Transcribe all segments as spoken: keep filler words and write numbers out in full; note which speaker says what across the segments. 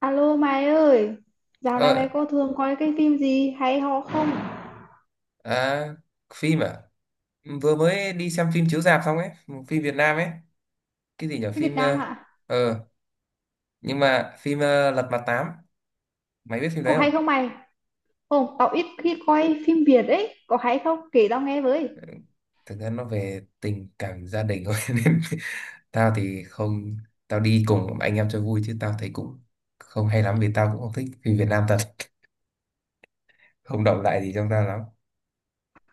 Speaker 1: Alo mày ơi, dạo này mày
Speaker 2: Ờ,
Speaker 1: có thường coi cái phim gì hay ho không?
Speaker 2: à, phim à? Vừa mới đi xem phim chiếu rạp xong ấy, một phim Việt Nam ấy. Cái gì nhỉ?
Speaker 1: Cái Việt
Speaker 2: Phim
Speaker 1: Nam
Speaker 2: ờ,
Speaker 1: hả?
Speaker 2: ờ, nhưng mà phim ờ, Lật Mặt Tám, mày biết phim đấy
Speaker 1: Có
Speaker 2: không?
Speaker 1: hay không mày? Không, tao ít khi coi phim Việt ấy, có hay không? Kể tao nghe với.
Speaker 2: Thực ra nó về tình cảm gia đình thôi nên tao thì không, tao đi cùng anh em cho vui chứ tao thấy cũng không hay lắm, vì tao cũng không thích phim Việt Nam thật, không động lại gì trong tao lắm.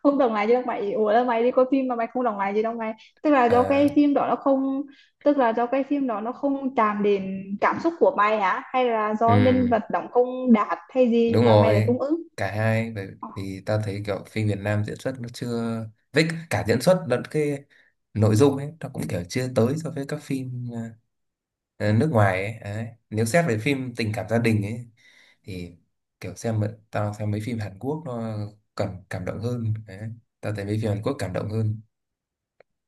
Speaker 1: Không đồng lại gì đâu mày, ủa là mày đi coi phim mà mày không đồng lại gì đâu mày. Tức là do
Speaker 2: Ờ,
Speaker 1: cái phim đó nó không, tức là do cái phim đó nó không chạm đến cảm xúc của mày hả? Hay là do
Speaker 2: ừ.
Speaker 1: nhân vật đóng không đạt hay gì
Speaker 2: Đúng
Speaker 1: mà mày lại
Speaker 2: rồi,
Speaker 1: không ứng?
Speaker 2: cả hai. Bởi vì ta thấy kiểu phim Việt Nam diễn xuất nó chưa, với cả diễn xuất lẫn cái nội dung ấy nó cũng kiểu chưa tới so với các phim à, ờ, nước ngoài ấy. Đấy. Nếu xét về phim tình cảm gia đình ấy thì kiểu xem mấy- tao xem mấy phim Hàn Quốc nó cảm cảm động hơn. Đấy. Tao thấy mấy phim Hàn Quốc cảm động hơn.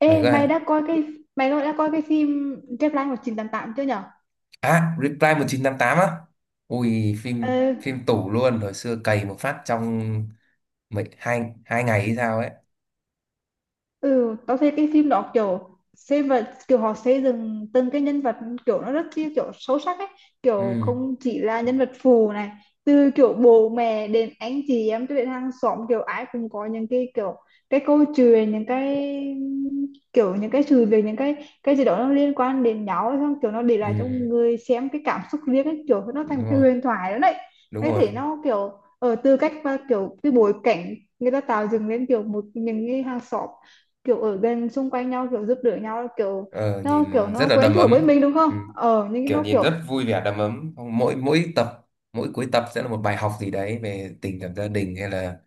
Speaker 2: Mày
Speaker 1: Ê,
Speaker 2: coi
Speaker 1: mày đã coi cái, mày đã coi cái phim Deadline một chín tám tám chưa
Speaker 2: à, Reply mười chín tám mươi tám á. Ui phim
Speaker 1: nhở?
Speaker 2: phim tủ luôn, hồi xưa cày một phát trong mấy hai hai ngày hay sao ấy.
Speaker 1: Ừ, tao thấy cái phim đó kiểu xem và kiểu họ xây dựng từng cái nhân vật kiểu nó rất chi kiểu sâu sắc ấy, kiểu
Speaker 2: Ừ.
Speaker 1: không chỉ là nhân vật phụ này, từ kiểu bố mẹ đến anh chị em cho đến hàng xóm, kiểu ai cũng có những cái kiểu cái câu chuyện, những cái kiểu những cái sự việc, những cái cái gì đó nó liên quan đến nhau ấy, xong kiểu nó để lại cho
Speaker 2: Ừ,
Speaker 1: người xem cái cảm xúc riêng ấy, kiểu nó thành
Speaker 2: đúng
Speaker 1: một cái
Speaker 2: rồi,
Speaker 1: huyền thoại đó đấy.
Speaker 2: đúng
Speaker 1: Cái
Speaker 2: rồi.
Speaker 1: thể nó kiểu ở từ cách và kiểu cái bối cảnh người ta tạo dựng lên kiểu một những cái hàng xóm kiểu ở gần xung quanh nhau kiểu giúp đỡ nhau kiểu
Speaker 2: Ờ,
Speaker 1: nó kiểu
Speaker 2: nhìn rất
Speaker 1: nó
Speaker 2: là
Speaker 1: quen
Speaker 2: đầm
Speaker 1: thuộc với
Speaker 2: ấm.
Speaker 1: mình đúng không
Speaker 2: Ừ,
Speaker 1: ờ nhưng
Speaker 2: kiểu
Speaker 1: nó
Speaker 2: nhìn
Speaker 1: kiểu
Speaker 2: rất vui vẻ đầm ấm. Xong Mỗi mỗi tập, mỗi cuối tập sẽ là một bài học gì đấy về tình cảm gia đình hay là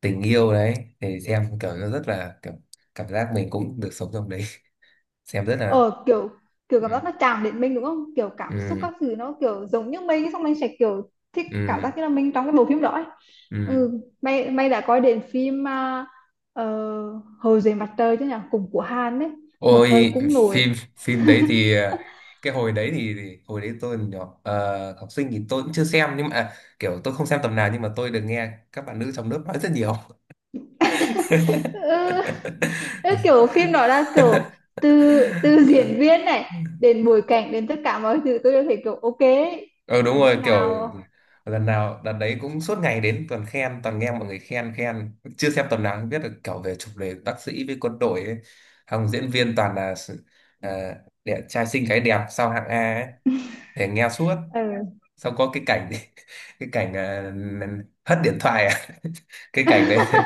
Speaker 2: tình yêu đấy. Thì xem kiểu nó rất là kiểu cảm giác mình cũng được sống trong đấy. Xem rất là
Speaker 1: ờ kiểu kiểu cảm giác
Speaker 2: ừ,
Speaker 1: nó chạm đến mình đúng không, kiểu cảm xúc
Speaker 2: ừ,
Speaker 1: các thứ nó kiểu giống như mình, xong mình sẽ kiểu thích cảm
Speaker 2: ừ,
Speaker 1: giác như là mình trong cái bộ phim đó ấy.
Speaker 2: ừ.
Speaker 1: Ừ mày mày đã coi đến phim à, ờ, Hồ dưới mặt trời chứ nhỉ, cùng của Hàn ấy, một thời
Speaker 2: Ôi
Speaker 1: cũng nổi.
Speaker 2: phim phim đấy thì à, cái hồi đấy thì, thì hồi đấy tôi còn nhỏ, ờ, học sinh thì tôi cũng chưa xem, nhưng mà à, kiểu tôi không xem tầm nào nhưng mà tôi được nghe các bạn nữ trong lớp nói rất nhiều.
Speaker 1: Ừ, ừ, kiểu phim đó là kiểu từ từ diễn viên này đến bối cảnh đến tất cả mọi thứ tôi đều thấy kiểu ok ấy.
Speaker 2: Ừ đúng
Speaker 1: Nếu
Speaker 2: rồi,
Speaker 1: hôm
Speaker 2: kiểu
Speaker 1: nào
Speaker 2: lần nào đợt đấy cũng suốt ngày đến toàn khen, toàn nghe mọi người khen khen, chưa xem tầm nào không biết được kiểu về chủ đề bác sĩ với quân đội ấy. Hồng diễn viên toàn là uh, đẹp trai xinh gái, đẹp sao hạng A ấy, để nghe suốt,
Speaker 1: ừ
Speaker 2: xong có cái cảnh cái cảnh à, hất điện thoại à cái cảnh đấy.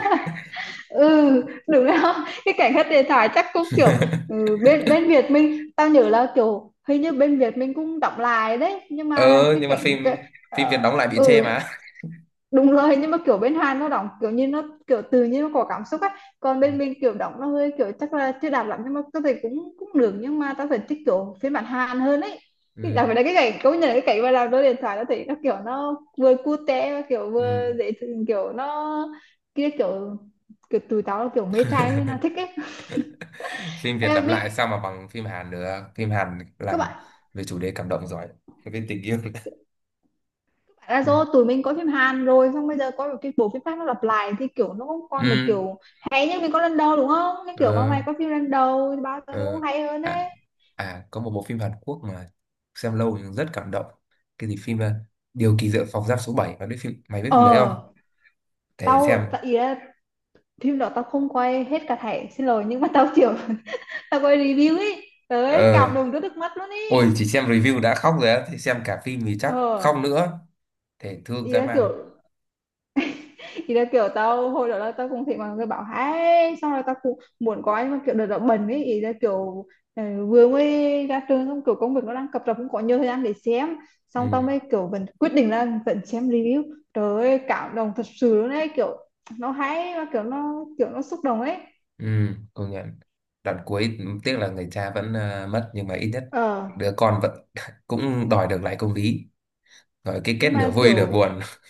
Speaker 1: ừ đúng không cái cảnh hết điện thoại chắc cũng kiểu ừ, bên bên Việt mình tao nhớ là kiểu hình như bên Việt mình cũng đọc lại đấy, nhưng
Speaker 2: ờ
Speaker 1: mà cái
Speaker 2: nhưng mà
Speaker 1: cảnh
Speaker 2: phim
Speaker 1: cái,
Speaker 2: phim Việt
Speaker 1: ờ,
Speaker 2: đóng lại bị chê
Speaker 1: ừ
Speaker 2: mà.
Speaker 1: đúng rồi, nhưng mà kiểu bên Hàn nó đóng kiểu như nó kiểu tự nhiên nó có cảm xúc á, còn bên mình kiểu đóng nó hơi kiểu chắc là chưa đạt lắm, nhưng mà có thể cũng cũng được, nhưng mà tao phải thích kiểu phiên bản Hàn hơn ấy. Cái- đặc
Speaker 2: Ừ.
Speaker 1: biệt là cái cảnh, công nhận là cái cảnh mà làm đôi điện thoại nó thấy nó kiểu nó vừa cute mà kiểu vừa
Speaker 2: Ừ.
Speaker 1: dễ thương, kiểu nó kia kiểu kiểu tụi tao là kiểu mê trai nên là thích ấy.
Speaker 2: Phim Việt
Speaker 1: Em
Speaker 2: làm
Speaker 1: biết
Speaker 2: lại sao mà bằng phim Hàn được, phim Hàn
Speaker 1: các
Speaker 2: làm
Speaker 1: bạn,
Speaker 2: về chủ đề cảm động giỏi, về tình yêu.
Speaker 1: tại là do tụi mình có phim Hàn rồi, xong bây giờ có một cái bộ phim khác nó lặp lại thì kiểu nó không còn được
Speaker 2: Ừ.
Speaker 1: kiểu hay như mình có lần đầu đúng không, nên kiểu mà
Speaker 2: ờ
Speaker 1: mày có phim lần đầu thì bao giờ nó
Speaker 2: ờ
Speaker 1: cũng hay hơn
Speaker 2: à,
Speaker 1: ấy.
Speaker 2: À, có một bộ phim Hàn Quốc mà xem lâu nhưng rất cảm động, cái gì phim à, Điều kỳ diệu phòng giam số bảy, và cái phim mày biết
Speaker 1: Ờ
Speaker 2: phim đấy không, để
Speaker 1: tao
Speaker 2: xem.
Speaker 1: tại ý là phim đó tao không quay hết cả thảy, xin lỗi, nhưng mà tao kiểu tao quay review ấy tới
Speaker 2: Ờ.
Speaker 1: cảm động tới nước mắt luôn ý.
Speaker 2: Ôi chỉ xem review đã khóc rồi á, thì xem cả phim thì chắc
Speaker 1: Ờ
Speaker 2: khóc nữa. Thể thương
Speaker 1: ý
Speaker 2: dã
Speaker 1: là
Speaker 2: man.
Speaker 1: kiểu, thì là kiểu tao hồi đó là tao cũng thấy mọi người bảo hay, xong rồi tao cũng muốn có, nhưng mà kiểu đợt đó bận ấy, ý là kiểu ờ, vừa mới ra trường xong kiểu công việc nó đang cập rập, cũng có nhiều thời gian để xem, xong tao
Speaker 2: Ừ,
Speaker 1: mới kiểu vẫn quyết định là vẫn xem review. Trời ơi cảm động thật sự luôn ấy, kiểu nó hay mà kiểu nó kiểu nó xúc động ấy.
Speaker 2: ừ, công nhận. Đoạn cuối tiếc là người cha vẫn à, mất, nhưng mà ít nhất
Speaker 1: Ờ
Speaker 2: đứa con vẫn cũng đòi được lại công lý. Rồi cái kết
Speaker 1: nhưng
Speaker 2: nửa
Speaker 1: mà
Speaker 2: vui nửa
Speaker 1: kiểu
Speaker 2: buồn.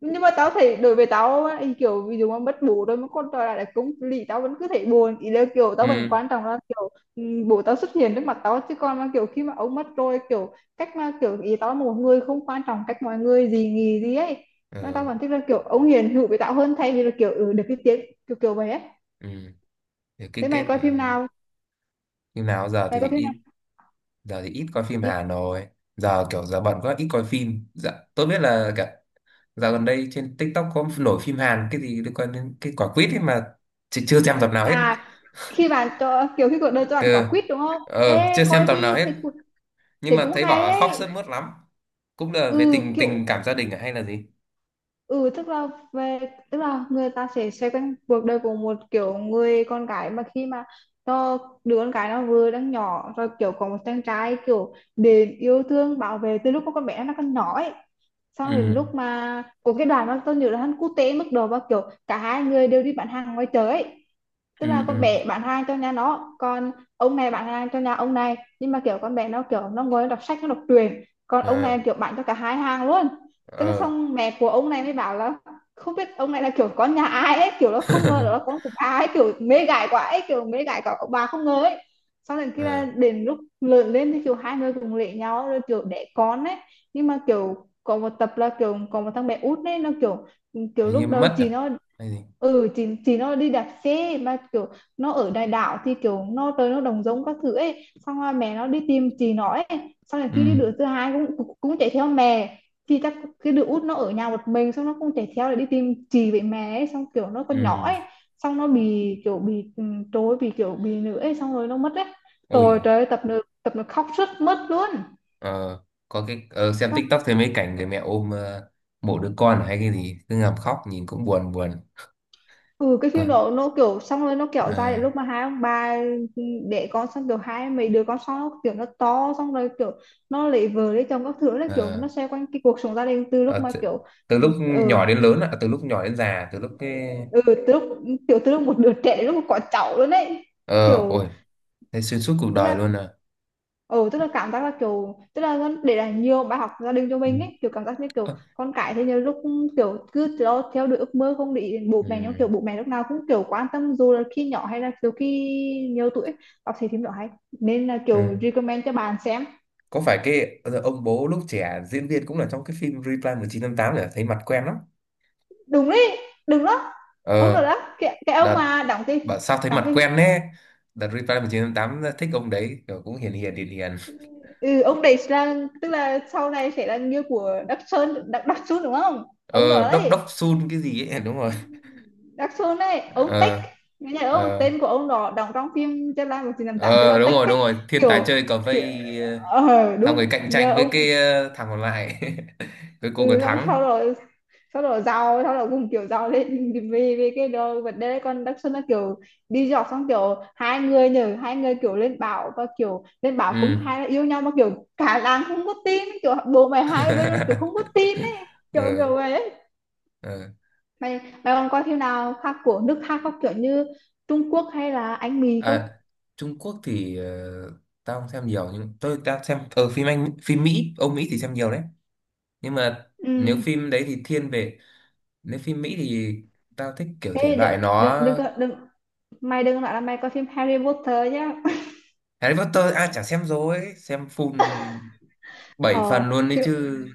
Speaker 1: nhưng mà tao thấy đối với tao á, thì kiểu ví dụ mà mất bố rồi mà con trở lại là cũng lì tao vẫn cứ thấy buồn, ý là kiểu tao vẫn
Speaker 2: Ừ,
Speaker 1: quan trọng là kiểu ừ, bố tao xuất hiện trước mặt tao chứ, còn mà kiểu khi mà ông mất rồi kiểu cách mà kiểu ý tao là một người không quan trọng cách mọi người gì nghỉ gì ấy, nên tao
Speaker 2: ừ,
Speaker 1: vẫn thích là kiểu ông hiền hữu với tao hơn thay vì là kiểu ừ, được cái tiếng kiểu kiểu vậy ấy.
Speaker 2: ừ. Thì cái
Speaker 1: Thế mày
Speaker 2: kết ừ,
Speaker 1: coi phim nào,
Speaker 2: như nào. Giờ
Speaker 1: mày
Speaker 2: thì
Speaker 1: coi phim
Speaker 2: ít,
Speaker 1: nào
Speaker 2: giờ thì ít coi phim
Speaker 1: đi.
Speaker 2: Hàn rồi. Giờ kiểu giờ bận quá, ít coi phim. Dạ, tôi biết là cả dạo gần đây trên TikTok có nổi phim Hàn cái gì liên quan đến cái quả quýt ấy mà, chị chưa xem tập nào hết.
Speaker 1: À khi bạn cho kiểu khi cuộc đời cho bạn quả
Speaker 2: Cơ,
Speaker 1: quýt đúng không,
Speaker 2: ờ,
Speaker 1: ê
Speaker 2: chưa xem
Speaker 1: coi
Speaker 2: tầm nào
Speaker 1: đi
Speaker 2: hết.
Speaker 1: thấy, cũng-
Speaker 2: Nhưng
Speaker 1: thấy
Speaker 2: mà
Speaker 1: cũng
Speaker 2: thấy bảo
Speaker 1: hay
Speaker 2: là khóc sướt
Speaker 1: đấy.
Speaker 2: mướt lắm. Cũng là về
Speaker 1: Ừ
Speaker 2: tình,
Speaker 1: kiểu
Speaker 2: tình cảm gia đình à, hay là gì?
Speaker 1: ừ tức là về, tức là người ta sẽ xoay quanh cuộc đời của một kiểu người con gái mà khi mà nó đứa con gái nó vừa đang nhỏ rồi kiểu có một chàng trai kiểu đến yêu thương bảo vệ từ lúc mà con bé nó còn nhỏ ấy, xong
Speaker 2: Ừ,
Speaker 1: đến lúc mà có cái đoàn nó tôi nhớ là hắn quốc tế mức độ và kiểu cả hai người đều đi bán hàng ngoài chợ ấy, tức
Speaker 2: ừ,
Speaker 1: là con
Speaker 2: ừ.
Speaker 1: bé bạn hàng cho nhà nó, còn ông này bạn hàng cho nhà ông này, nhưng mà kiểu con bé nó kiểu nó ngồi nó đọc sách nó đọc truyện, còn ông này
Speaker 2: Ờ,
Speaker 1: kiểu bạn cho cả hai hàng luôn. Tức là
Speaker 2: ờ.
Speaker 1: xong mẹ của ông này mới bảo là không biết ông này là kiểu con nhà ai ấy, kiểu nó không ngờ đó là nó con của bà ấy kiểu mê gái quá ấy, kiểu mê gái cả ông bà không ngờ ấy. Sau đến khi là
Speaker 2: Ờ,
Speaker 1: đến lúc lớn lên thì kiểu hai người cùng lệ nhau rồi kiểu đẻ con ấy, nhưng mà kiểu có một tập là kiểu có một thằng bé út ấy nó kiểu kiểu
Speaker 2: hình như
Speaker 1: lúc đầu
Speaker 2: mất
Speaker 1: chị
Speaker 2: à?
Speaker 1: nó
Speaker 2: Hay gì?
Speaker 1: ừ thì thì nó đi đạp xe mà kiểu nó ở đại đạo thì kiểu nó tới nó đồng giống các thứ ấy, xong rồi mẹ nó đi tìm chị nó ấy, xong rồi
Speaker 2: Ừ.
Speaker 1: khi cái đứa thứ hai cũng cũng cũng chạy theo mẹ thì chắc cái đứa út nó ở nhà một mình, xong nó cũng chạy theo để đi tìm chị với mẹ ấy, xong kiểu nó còn nhỏ
Speaker 2: Ừ,
Speaker 1: ấy, xong nó bị kiểu bị ừ, trối bị kiểu bị nữa ấy, xong rồi nó mất ấy. Rồi
Speaker 2: ui,
Speaker 1: trời ơi, tập nữa tập nó khóc rất mất luôn.
Speaker 2: ờ, có cái ờ, xem TikTok thấy mấy cảnh người mẹ ôm ờ, mộ đứa con à hay cái gì cứ ngầm khóc, nhìn cũng buồn buồn.
Speaker 1: Ừ cái phim
Speaker 2: Con-
Speaker 1: đó nó kiểu xong rồi nó kéo dài đến
Speaker 2: Ờ,
Speaker 1: lúc mà hai ông bà đẻ con xong kiểu hai mấy đứa con xong nó kiểu nó to, xong rồi kiểu nó lấy vợ lấy chồng các thứ, là kiểu
Speaker 2: ờ,
Speaker 1: nó xoay quanh cái cuộc sống gia đình từ lúc
Speaker 2: ờ,
Speaker 1: mà
Speaker 2: t-
Speaker 1: kiểu
Speaker 2: từ lúc
Speaker 1: ừ,
Speaker 2: nhỏ đến lớn ạ, từ lúc nhỏ đến già, từ lúc cái
Speaker 1: ừ từ lúc kiểu từ lúc một đứa trẻ đến lúc mà có cháu luôn đấy,
Speaker 2: ờ,
Speaker 1: kiểu
Speaker 2: ôi, thấy xuyên suốt cuộc
Speaker 1: tức
Speaker 2: đời
Speaker 1: là
Speaker 2: luôn à.
Speaker 1: ừ tức là cảm giác là kiểu tức là con- để lại nhiều bài học gia đình cho
Speaker 2: Ừ.
Speaker 1: mình ấy, kiểu cảm giác như kiểu
Speaker 2: Ơ,
Speaker 1: con cái thì nhiều lúc kiểu cứ theo, theo đuổi ước mơ không để ý đến bố mẹ, nhưng
Speaker 2: ừ.
Speaker 1: kiểu bố mẹ lúc nào cũng kiểu quan tâm dù là khi nhỏ hay là kiểu khi nhiều tuổi ấy. Đọc thì phim đó hay, nên là kiểu
Speaker 2: Ừ.
Speaker 1: recommend cho bạn xem.
Speaker 2: Có phải cái ờ, ông bố lúc trẻ diễn viên cũng là trong cái phim Reply mười chín tám mươi tám để thấy mặt quen lắm.
Speaker 1: Đúng đấy, đúng đó, ông nữa
Speaker 2: Ờ,
Speaker 1: đó cái, cái ông
Speaker 2: đợt
Speaker 1: mà đóng cái
Speaker 2: bảo sao thấy
Speaker 1: đóng
Speaker 2: mặt
Speaker 1: cái
Speaker 2: quen nè. Đợt Reply mười chín tám mươi tám thích ông đấy, kiểu cũng hiền hiền hiền hiền.
Speaker 1: ừ, ông đấy là tức là sau này sẽ là như của Đắc Sơn Đắc, Đắc Xuân đúng không, ông nữa
Speaker 2: Ờ, đốc đốc
Speaker 1: đấy,
Speaker 2: Sun cái gì ấy, đúng rồi.
Speaker 1: Đắc Sơn ấy ông Tích,
Speaker 2: Ờ,
Speaker 1: cái nhà ông
Speaker 2: ờ,
Speaker 1: tên của ông đó đóng trong phim Chết Lai một chín tám tám tên
Speaker 2: ờ,
Speaker 1: là
Speaker 2: đúng
Speaker 1: Tích
Speaker 2: rồi,
Speaker 1: ấy,
Speaker 2: đúng rồi, thiên tài
Speaker 1: kiểu
Speaker 2: chơi cờ
Speaker 1: kiểu
Speaker 2: vây ờ,
Speaker 1: ờ
Speaker 2: xong rồi
Speaker 1: đúng
Speaker 2: cạnh
Speaker 1: nhờ
Speaker 2: tranh với
Speaker 1: ông.
Speaker 2: cái ờ, thằng còn lại. Cuối cùng là
Speaker 1: Ừ xong sau
Speaker 2: thắng.
Speaker 1: rồi, sau rồi giàu, sau rồi cùng kiểu giàu lên vì vì cái đó vấn đề đấy. Còn Đắc Xuân là kiểu đi dọc, xong kiểu hai người nhờ hai người kiểu lên bảo và kiểu lên bảo cũng
Speaker 2: Ừ.
Speaker 1: khai là yêu nhau, mà kiểu cả làng không có tin kiểu bố mày hai bên kiểu không có tin ấy, kiểu
Speaker 2: Ừ.
Speaker 1: kiểu vậy ấy.
Speaker 2: Ừ.
Speaker 1: Mày mày còn coi phim nào khác của nước khác không, kiểu như Trung Quốc hay là Anh Mỹ không?
Speaker 2: À, Trung Quốc thì ờ, tao không xem nhiều, nhưng tôi tao xem ở phim Anh phim Mỹ Âu Mỹ thì xem nhiều đấy, nhưng mà
Speaker 1: Ừ,
Speaker 2: nếu phim đấy thì thiên về, nếu phim Mỹ thì tao thích kiểu thể
Speaker 1: ê đừng
Speaker 2: loại nó.
Speaker 1: đừng đừng có- đừng mày đừng nói là mày coi phim Harry Potter nhá.
Speaker 2: Harry Potter à, chả xem rồi, xem full bảy
Speaker 1: Ờ
Speaker 2: phần luôn đấy
Speaker 1: phim
Speaker 2: chứ.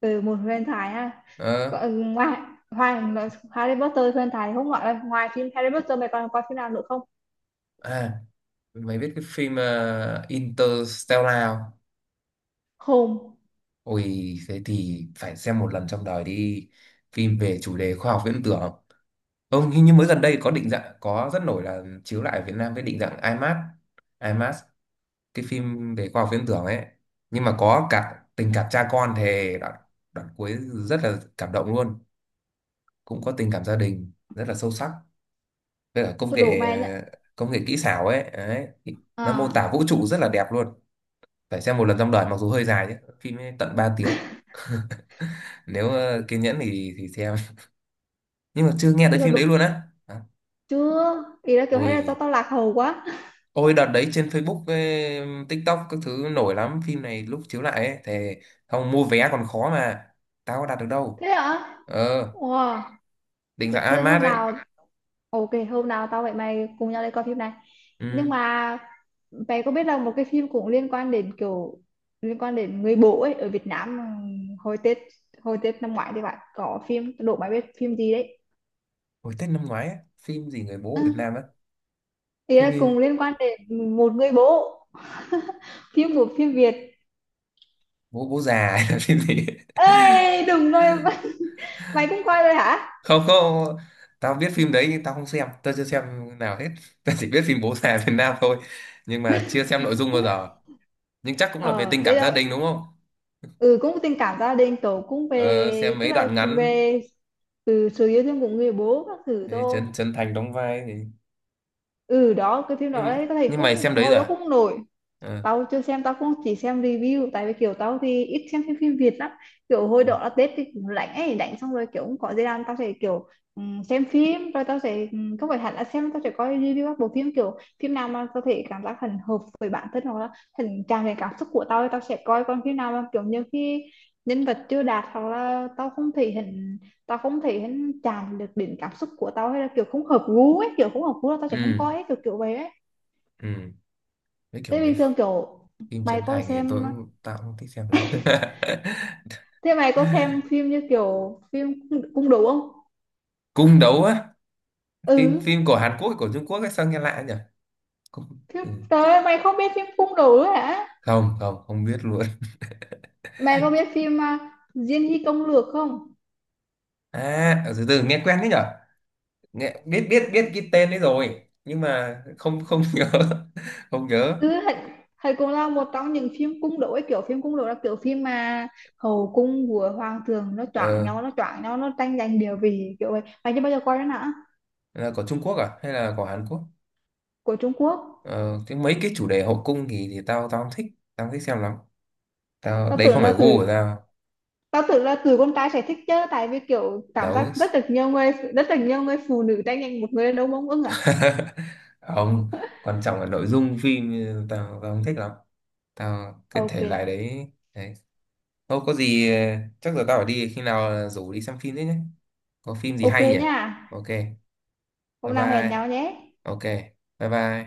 Speaker 1: từ một huyền thoại ha. Có,
Speaker 2: Ờ.
Speaker 1: ừ, ngoài ngoài nói- Harry Potter huyền thoại thì không gọi là ngoài phim Harry Potter mày còn coi phim nào nữa không?
Speaker 2: à Mày biết cái phim ờ, Interstellar không?
Speaker 1: Không
Speaker 2: Ôi thế thì phải xem một lần trong đời đi, phim về chủ đề khoa học viễn tưởng. Ông hình như mới gần đây có định dạng, có rất nổi là chiếu lại ở Việt Nam cái định dạng IMAX, IMAX, cái phim về khoa học viễn tưởng ấy. Nhưng mà có cả tình cảm cha con, thì đoạn, đoạn cuối rất là cảm động luôn, cũng có tình cảm gia đình rất là sâu sắc. Với cả công
Speaker 1: tôi đủ
Speaker 2: nghệ,
Speaker 1: mày nhá.
Speaker 2: công nghệ kỹ xảo ấy, đấy. Nó mô tả
Speaker 1: À,
Speaker 2: vũ trụ rất là đẹp luôn. Phải xem một lần trong đời, mặc dù hơi dài chứ, phim ấy tận ba tiếng. Nếu ờ, kiên nhẫn thì thì xem. Nhưng mà chưa nghe tới
Speaker 1: bây giờ
Speaker 2: phim
Speaker 1: đủ
Speaker 2: đấy luôn á. À,
Speaker 1: chưa? Ý là kiểu hay là tao
Speaker 2: ôi,
Speaker 1: tao lạc hầu quá.
Speaker 2: ôi đợt đấy trên Facebook với TikTok các thứ nổi lắm, phim này lúc chiếu lại ấy thì không mua vé còn khó mà, tao có đặt được đâu.
Speaker 1: Thế hả?
Speaker 2: Ờ,
Speaker 1: Wow.
Speaker 2: định
Speaker 1: Thế,
Speaker 2: dạng
Speaker 1: thế
Speaker 2: IMAX
Speaker 1: hôm
Speaker 2: ấy.
Speaker 1: nào ok, hôm nào tao với mày cùng nhau đi coi phim này. Nhưng
Speaker 2: Ừ.
Speaker 1: mà mày có biết là một cái phim cũng liên quan đến kiểu liên quan đến người bố ấy ở Việt Nam ừm, hồi Tết, hồi Tết năm ngoái thì bạn có phim đố mày biết phim gì đấy?
Speaker 2: Hồi Tết năm ngoái ấy, phim gì người bố ở Việt Nam á,
Speaker 1: Ý
Speaker 2: phim,
Speaker 1: là
Speaker 2: phim
Speaker 1: cùng liên quan đến một người bố phim của phim Việt.
Speaker 2: bố bố già, hay là phim gì ấy.
Speaker 1: Ê, đúng rồi. Mày cũng coi rồi hả?
Speaker 2: Không, không, tao biết phim đấy nhưng tao không xem, tao chưa xem nào hết. Tao chỉ biết phim bố già Việt Nam thôi, nhưng mà chưa xem nội dung bao giờ, nhưng chắc cũng là về
Speaker 1: Ờ,
Speaker 2: tình
Speaker 1: cái
Speaker 2: cảm gia
Speaker 1: đó
Speaker 2: đình đúng không.
Speaker 1: ừ cũng tình cảm gia đình tổ, cũng
Speaker 2: Ờ, xem
Speaker 1: về tức
Speaker 2: mấy
Speaker 1: là
Speaker 2: đoạn ngắn.
Speaker 1: về từ sự yêu thương của người bố các thứ
Speaker 2: Thế
Speaker 1: thôi.
Speaker 2: Trấn Trấn Thành đóng vai.
Speaker 1: Ừ đó cái phim đó đấy,
Speaker 2: nhưng
Speaker 1: có thể
Speaker 2: nhưng mày
Speaker 1: cũng
Speaker 2: xem đấy
Speaker 1: hồi
Speaker 2: rồi
Speaker 1: đó
Speaker 2: à?
Speaker 1: cũng nổi.
Speaker 2: Ờ.
Speaker 1: Tao chưa xem, tao cũng chỉ xem review, tại vì kiểu tao thì ít xem phim, phim Việt lắm, kiểu hồi
Speaker 2: Ừ,
Speaker 1: đó là Tết thì cũng rảnh ấy, rảnh xong rồi kiểu cũng có gì làm tao sẽ kiểu ừm, xem phim rồi tao sẽ ừm, không phải hẳn là xem, tao sẽ coi review các bộ phim, kiểu phim nào mà tao thể cảm giác hình hợp với bản thân hoặc là hình chạm về cảm xúc của tao thì tao sẽ coi, còn phim nào mà kiểu như khi nhân vật chưa đạt hoặc là tao không thể hình, tao không thể hình chạm được đến cảm xúc của tao hay là kiểu không hợp gu ấy, kiểu không hợp gu là tao sẽ không
Speaker 2: ừ,
Speaker 1: coi ấy, kiểu kiểu vậy ấy.
Speaker 2: ừ. Mấy kiểu
Speaker 1: Thế bình
Speaker 2: mấy
Speaker 1: thường kiểu
Speaker 2: phim
Speaker 1: mày
Speaker 2: Trấn
Speaker 1: có
Speaker 2: Thành thì tôi
Speaker 1: xem,
Speaker 2: cũng, tao cũng thích xem lắm.
Speaker 1: thế mày có xem phim như kiểu phim cung đấu không?
Speaker 2: Cung đấu á, phim,
Speaker 1: Ừ.
Speaker 2: phim của Hàn Quốc của Trung Quốc ấy, sao nghe lạ nhỉ. Cung-
Speaker 1: Thế,
Speaker 2: ừ.
Speaker 1: trời ơi, mày không biết phim cung đấu ấy hả?
Speaker 2: Không, không, không biết luôn.
Speaker 1: Mày có biết phim à, Diên Hy Công Lược không?
Speaker 2: À từ từ nghe quen đấy nhở, nghe biết biết biết cái tên đấy rồi, nhưng mà không không nhớ, không nhớ.
Speaker 1: Ừ, Hạnh Hạnh Cùng lao một trong những phim cung đấu ấy, kiểu phim cung đấu là kiểu phim mà hậu cung của hoàng tường nó choảng
Speaker 2: Ờ,
Speaker 1: nhau, nó choảng nhau, nó tranh giành địa vị kiểu vậy. Mày chưa bao giờ coi đó hả?
Speaker 2: là của Trung Quốc à hay là của Hàn Quốc.
Speaker 1: Của Trung Quốc.
Speaker 2: Ờ, cái mấy cái chủ đề hậu cung thì thì tao, tao không thích, tao không thích xem lắm, tao
Speaker 1: Tao
Speaker 2: đấy
Speaker 1: tưởng
Speaker 2: không phải
Speaker 1: là
Speaker 2: gu
Speaker 1: tụi
Speaker 2: của tao.
Speaker 1: tao tưởng là tụi con trai sẽ thích chứ, tại vì kiểu cảm
Speaker 2: Đấu
Speaker 1: giác rất là nhiều người, rất là nhiều người phụ nữ tranh giành một người đàn ông ưng à.
Speaker 2: không, quan trọng là nội dung phim ừ, tao, tao không thích lắm, tao cái thể loại
Speaker 1: Ok.
Speaker 2: đấy đấy. Thôi có gì ờ, chắc giờ tao phải đi, khi nào rủ đi xem phim thế nhé, có phim gì
Speaker 1: Ok
Speaker 2: hay nhỉ.
Speaker 1: nha.
Speaker 2: Ok, bye
Speaker 1: Hôm nào
Speaker 2: bye.
Speaker 1: hẹn nhau nhé.
Speaker 2: Ok, bye bye.